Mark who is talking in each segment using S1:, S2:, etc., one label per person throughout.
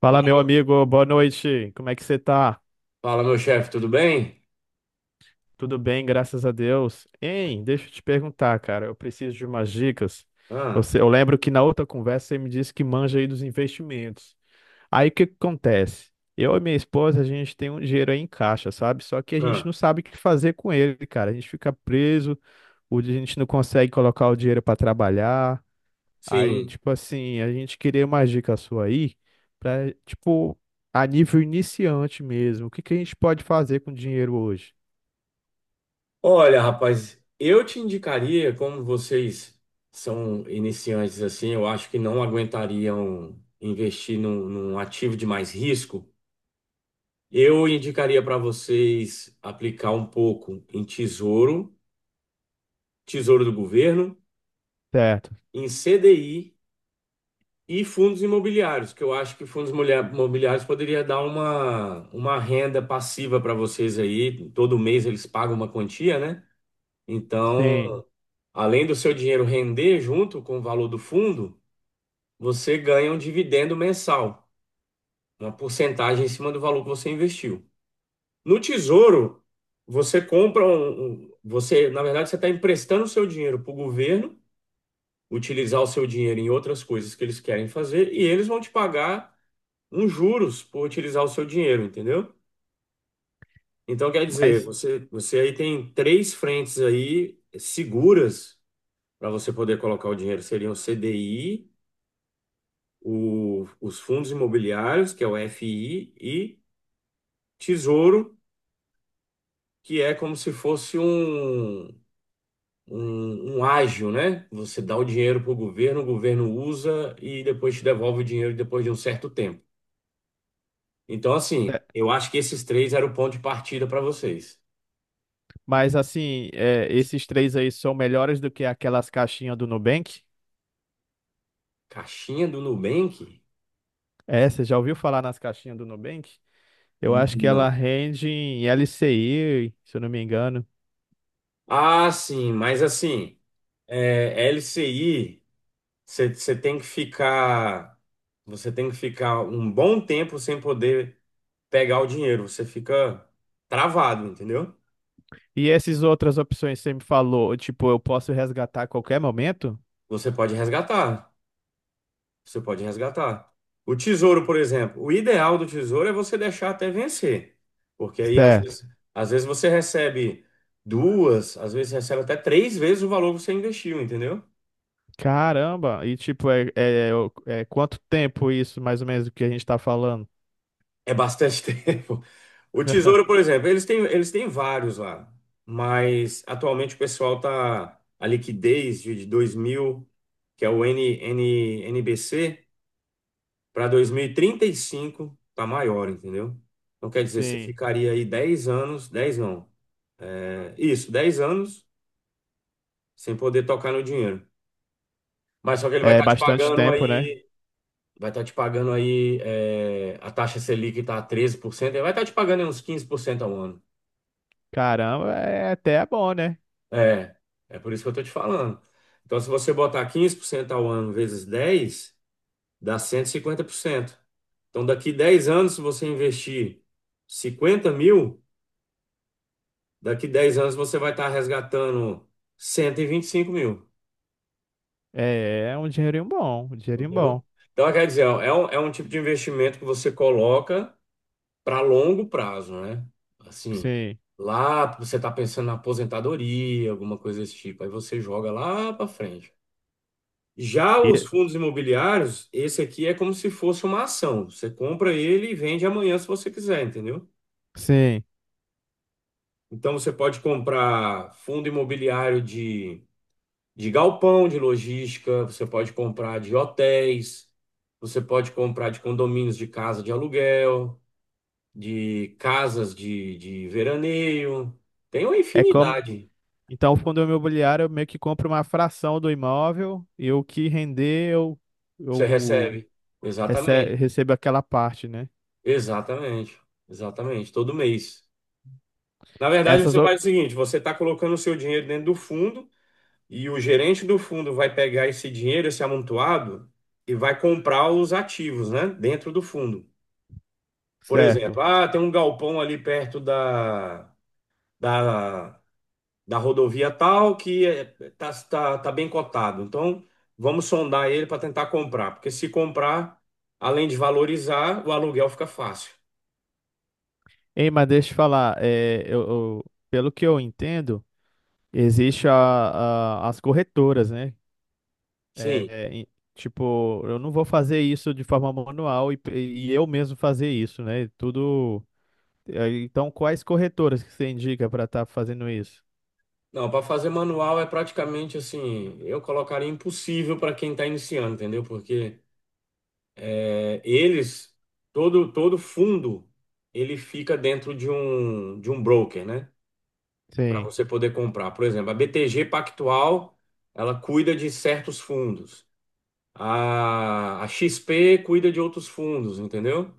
S1: Fala, meu amigo, boa noite. Como é que você tá?
S2: Fala, meu chefe, tudo bem?
S1: Tudo bem, graças a Deus. Hein, deixa eu te perguntar, cara, eu preciso de umas dicas.
S2: Ah,
S1: Você, eu lembro que na outra conversa você me disse que manja aí dos investimentos. Aí o que que acontece? Eu e minha esposa, a gente tem um dinheiro aí em caixa, sabe? Só que a gente
S2: ah,
S1: não sabe o que fazer com ele, cara. A gente fica preso, a gente não consegue colocar o dinheiro para trabalhar. Aí,
S2: sim.
S1: tipo assim, a gente queria uma dica sua aí pra, tipo, a nível iniciante mesmo. O que que a gente pode fazer com dinheiro hoje?
S2: Olha, rapaz, eu te indicaria, como vocês são iniciantes assim, eu acho que não aguentariam investir num ativo de mais risco. Eu indicaria para vocês aplicar um pouco em tesouro, tesouro do governo,
S1: Certo.
S2: em CDI e fundos imobiliários, que eu acho que fundos imobiliários poderia dar uma renda passiva para vocês aí. Todo mês eles pagam uma quantia, né?
S1: Sim,
S2: Então, além do seu dinheiro render junto com o valor do fundo, você ganha um dividendo mensal, uma porcentagem em cima do valor que você investiu. No Tesouro, você compra você, na verdade, você está emprestando o seu dinheiro para o governo utilizar o seu dinheiro em outras coisas que eles querem fazer e eles vão te pagar uns juros por utilizar o seu dinheiro, entendeu? Então, quer dizer,
S1: mas,
S2: você aí tem três frentes aí seguras para você poder colocar o dinheiro. Seriam o CDI, os fundos imobiliários, que é o FI, e Tesouro, que é como se fosse um ágio, né? Você dá o dinheiro para o governo usa e depois te devolve o dinheiro depois de um certo tempo. Então,
S1: é,
S2: assim, eu acho que esses três eram o ponto de partida para vocês.
S1: mas assim, esses três aí são melhores do que aquelas caixinhas do Nubank?
S2: Caixinha do Nubank?
S1: É, você já ouviu falar nas caixinhas do Nubank? Eu acho que ela
S2: Não.
S1: rende em LCI, se eu não me engano.
S2: Ah, sim, mas assim, é, LCI, você tem que ficar, você tem que ficar um bom tempo sem poder pegar o dinheiro. Você fica travado, entendeu?
S1: E essas outras opções que você me falou, tipo, eu posso resgatar a qualquer momento?
S2: Você pode resgatar, você pode resgatar. O tesouro, por exemplo, o ideal do tesouro é você deixar até vencer, porque aí
S1: Certo.
S2: às vezes você recebe duas, às vezes recebe até três vezes o valor que você investiu, entendeu?
S1: Caramba! E tipo, é quanto tempo isso, mais ou menos, do que a gente tá falando?
S2: É bastante tempo. O Tesouro, por exemplo, eles têm vários lá, mas atualmente o pessoal tá a liquidez de 2000, que é o N, N, N B C, para 2035 tá maior, entendeu? Então quer dizer, você
S1: Sim.
S2: ficaria aí 10 anos, 10 não, é, isso, 10 anos sem poder tocar no dinheiro. Mas só que ele vai
S1: É
S2: estar te
S1: bastante
S2: pagando
S1: tempo, né?
S2: aí, vai estar te pagando aí, a taxa Selic está a 13%, ele vai estar te pagando aí uns 15% ao ano.
S1: Caramba, é até bom, né?
S2: É, é por isso que eu tô te falando. Então, se você botar 15% ao ano vezes 10, dá 150%. Então, daqui 10 anos, se você investir 50 mil, daqui 10 anos você vai estar resgatando cento e vinte e cinco mil,
S1: É, é um dinheirinho bom, um dinheirinho bom.
S2: entendeu? Então, quer dizer, ó, é um tipo de investimento que você coloca para longo prazo, né? Assim,
S1: Sim.
S2: lá você está pensando na aposentadoria, alguma coisa desse tipo, aí você joga lá para frente. Já os
S1: E,
S2: fundos imobiliários, esse aqui é como se fosse uma ação. Você compra ele e vende amanhã se você quiser, entendeu?
S1: sim.
S2: Então você pode comprar fundo imobiliário de galpão, de logística, você pode comprar de hotéis, você pode comprar de condomínios de casa de aluguel, de casas de veraneio. Tem uma
S1: É como.
S2: infinidade.
S1: Então, o fundo imobiliário, eu meio que compro uma fração do imóvel e o que render, eu,
S2: Você
S1: eu
S2: recebe. Exatamente.
S1: recebo aquela parte, né?
S2: Exatamente. Exatamente. Todo mês. Na verdade,
S1: Essas.
S2: você faz o seguinte: você está colocando o seu dinheiro dentro do fundo e o gerente do fundo vai pegar esse dinheiro, esse amontoado, e vai comprar os ativos, né? Dentro do fundo. Por
S1: Certo.
S2: exemplo, tem um galpão ali perto da, da rodovia tal que está tá, tá tá bem cotado. Então, vamos sondar ele para tentar comprar, porque se comprar, além de valorizar, o aluguel fica fácil.
S1: Ei, mas deixa eu te falar, é, pelo que eu entendo. Existe as corretoras, né? É,
S2: Sim.
S1: é, em- tipo, eu não vou fazer isso de forma manual e eu mesmo fazer isso, né? Tudo. Então, quais corretoras que você indica para estar fazendo isso?
S2: Não, para fazer manual é praticamente assim, eu colocaria impossível para quem está iniciando, entendeu? Porque eles, todo fundo, ele fica dentro de um broker, né? Para
S1: Sim,
S2: você poder comprar. Por exemplo, a BTG Pactual, ela cuida de certos fundos. A XP cuida de outros fundos, entendeu?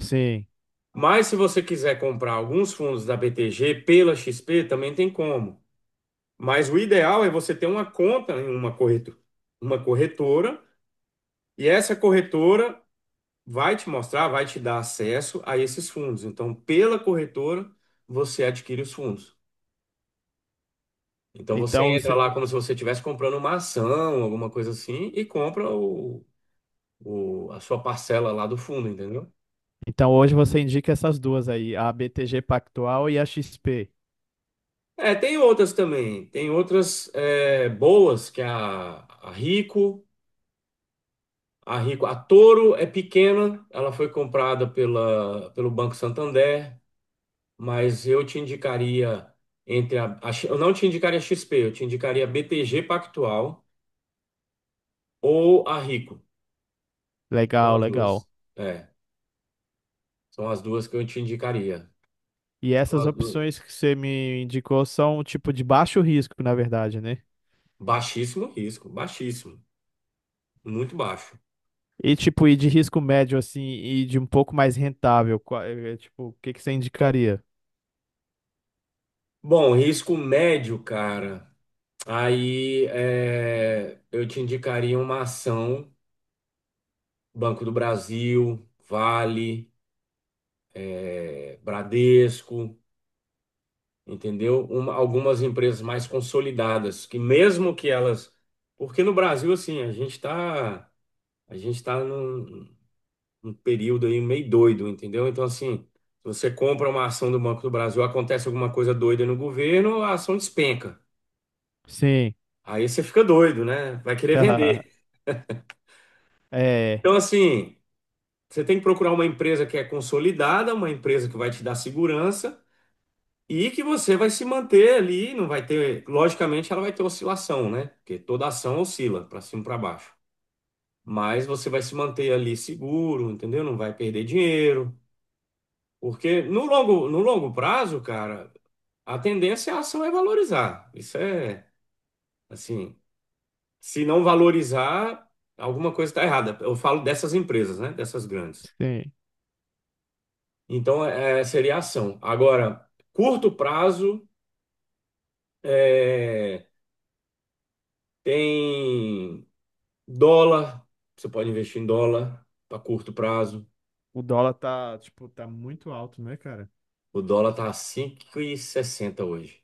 S1: sim.
S2: Mas se você quiser comprar alguns fundos da BTG pela XP, também tem como. Mas o ideal é você ter uma conta em uma corretora, e essa corretora vai te mostrar, vai te dar acesso a esses fundos. Então, pela corretora, você adquire os fundos. Então, você
S1: Então,
S2: entra
S1: você,
S2: lá como se você estivesse comprando uma ação, alguma coisa assim, e compra a sua parcela lá do fundo, entendeu?
S1: então hoje você indica essas duas aí, a BTG Pactual e a XP.
S2: É, tem outras também. Tem outras boas, que é a Rico. A Rico, a Toro é pequena, ela foi comprada pelo Banco Santander, mas eu te indicaria entre eu não te indicaria a XP, eu te indicaria a BTG Pactual ou a Rico. São
S1: Legal,
S2: as
S1: legal.
S2: duas. É, são as duas que eu te indicaria.
S1: E
S2: São
S1: essas
S2: as duas.
S1: opções que você me indicou são tipo de baixo risco, na verdade, né?
S2: Baixíssimo risco, baixíssimo, muito baixo.
S1: E tipo, e de risco médio assim, e de um pouco mais rentável, é, tipo, o que que você indicaria?
S2: Bom, risco médio, cara. Aí, eu te indicaria uma ação Banco do Brasil, Vale. Bradesco, entendeu? Algumas empresas mais consolidadas, que mesmo que elas. Porque no Brasil, assim, a gente tá num período aí meio doido, entendeu? Então, assim, se você compra uma ação do Banco do Brasil, acontece alguma coisa doida no governo, a ação despenca.
S1: Sim.
S2: Aí você fica doido, né? Vai querer vender.
S1: É,
S2: Então, assim, você tem que procurar uma empresa que é consolidada, uma empresa que vai te dar segurança e que você vai se manter ali, não vai ter, logicamente ela vai ter oscilação, né? Porque toda ação oscila para cima e para baixo. Mas você vai se manter ali seguro, entendeu? Não vai perder dinheiro, porque no longo prazo, cara, a tendência é a ação é valorizar. Isso é, assim, se não valorizar, alguma coisa está errada. Eu falo dessas empresas, né? Dessas grandes.
S1: sim.
S2: Então, seria a ação. Agora, curto prazo, é, tem Dólar, você pode investir em dólar para curto prazo.
S1: O dólar tá, tipo, tá muito alto, né, cara?
S2: O dólar tá a sessenta hoje.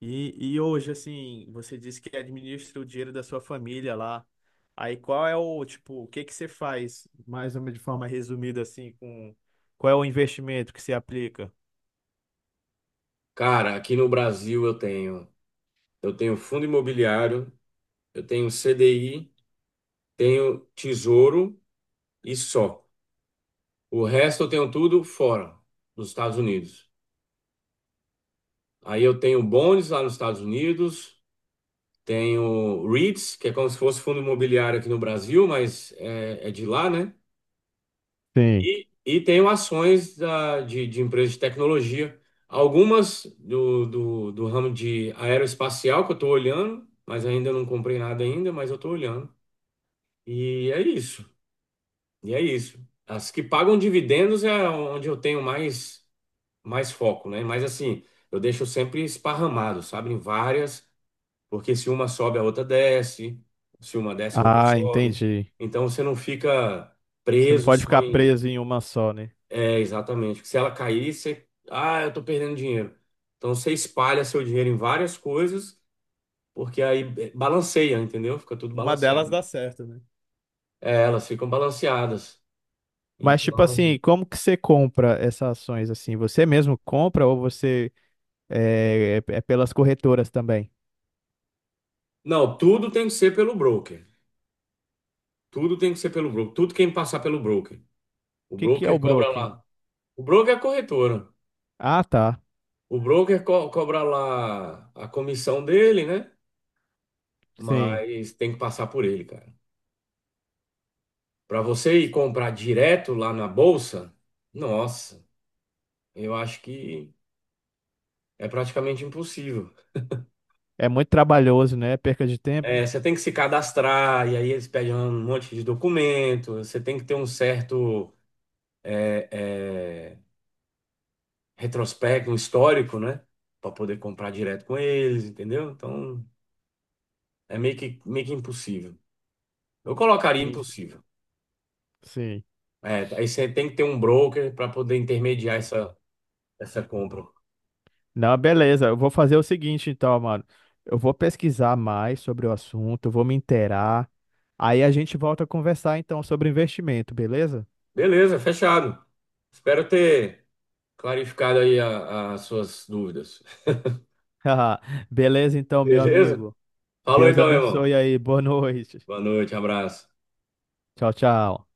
S1: E hoje, assim, você disse que administra o dinheiro da sua família lá. Aí qual é o, tipo, o que que você faz, mais ou menos de forma resumida, assim, com qual é o investimento que você aplica?
S2: Cara, aqui no Brasil eu tenho fundo imobiliário, eu tenho CDI, tenho tesouro e só. O resto eu tenho tudo fora, nos Estados Unidos. Aí eu tenho bonds lá nos Estados Unidos, tenho REITs, que é como se fosse fundo imobiliário aqui no Brasil, mas é de lá, né?
S1: Sim.
S2: E tenho ações de empresas de tecnologia, algumas do ramo de aeroespacial que eu estou olhando, mas ainda não comprei nada ainda, mas eu estou olhando. E é isso, e é isso. As que pagam dividendos é onde eu tenho mais, mais foco, né? Mas assim, eu deixo sempre esparramado, sabe? Em várias, porque se uma sobe, a outra desce, se uma desce, a outra
S1: Ah,
S2: sobe.
S1: entendi.
S2: Então você não fica
S1: Você não
S2: preso
S1: pode
S2: só.
S1: ficar preso em uma só, né?
S2: É, exatamente. Se ela cair, você. Ah, eu tô perdendo dinheiro. Então você espalha seu dinheiro em várias coisas, porque aí, balanceia, entendeu? Fica tudo
S1: Uma delas
S2: balanceado.
S1: dá certo, né?
S2: É, elas ficam balanceadas.
S1: Mas, tipo
S2: Então.
S1: assim, como que você compra essas ações assim? Você mesmo compra ou você é pelas corretoras também?
S2: Não, tudo tem que ser pelo broker. Tudo tem que ser pelo broker. Tudo quem passar pelo broker. O
S1: O que que é
S2: broker
S1: o
S2: cobra
S1: broking?
S2: lá. O broker é a corretora.
S1: Ah, tá.
S2: O broker cobra lá a comissão dele, né?
S1: Sim.
S2: Mas tem que passar por ele, cara. Para você ir comprar direto lá na bolsa, nossa. Eu acho que é praticamente impossível.
S1: É muito trabalhoso, né? Perca de tempo.
S2: É, você tem que se cadastrar, e aí eles pedem um monte de documento, você tem que ter um certo é, é, retrospecto, um histórico, né? Para poder comprar direto com eles, entendeu? Então é meio que impossível. Eu colocaria
S1: Sim, sim,
S2: impossível.
S1: sim.
S2: É, aí você tem que ter um broker para poder intermediar essa compra.
S1: Não, beleza. Eu vou fazer o seguinte, então, mano. Eu vou pesquisar mais sobre o assunto, eu vou me inteirar. Aí a gente volta a conversar, então, sobre investimento, beleza?
S2: Beleza, fechado. Espero ter clarificado aí as suas dúvidas.
S1: Beleza, então, meu
S2: Beleza?
S1: amigo.
S2: Falou
S1: Deus
S2: então, meu irmão.
S1: abençoe aí. Boa noite.
S2: Boa noite, abraço.
S1: Tchau, tchau.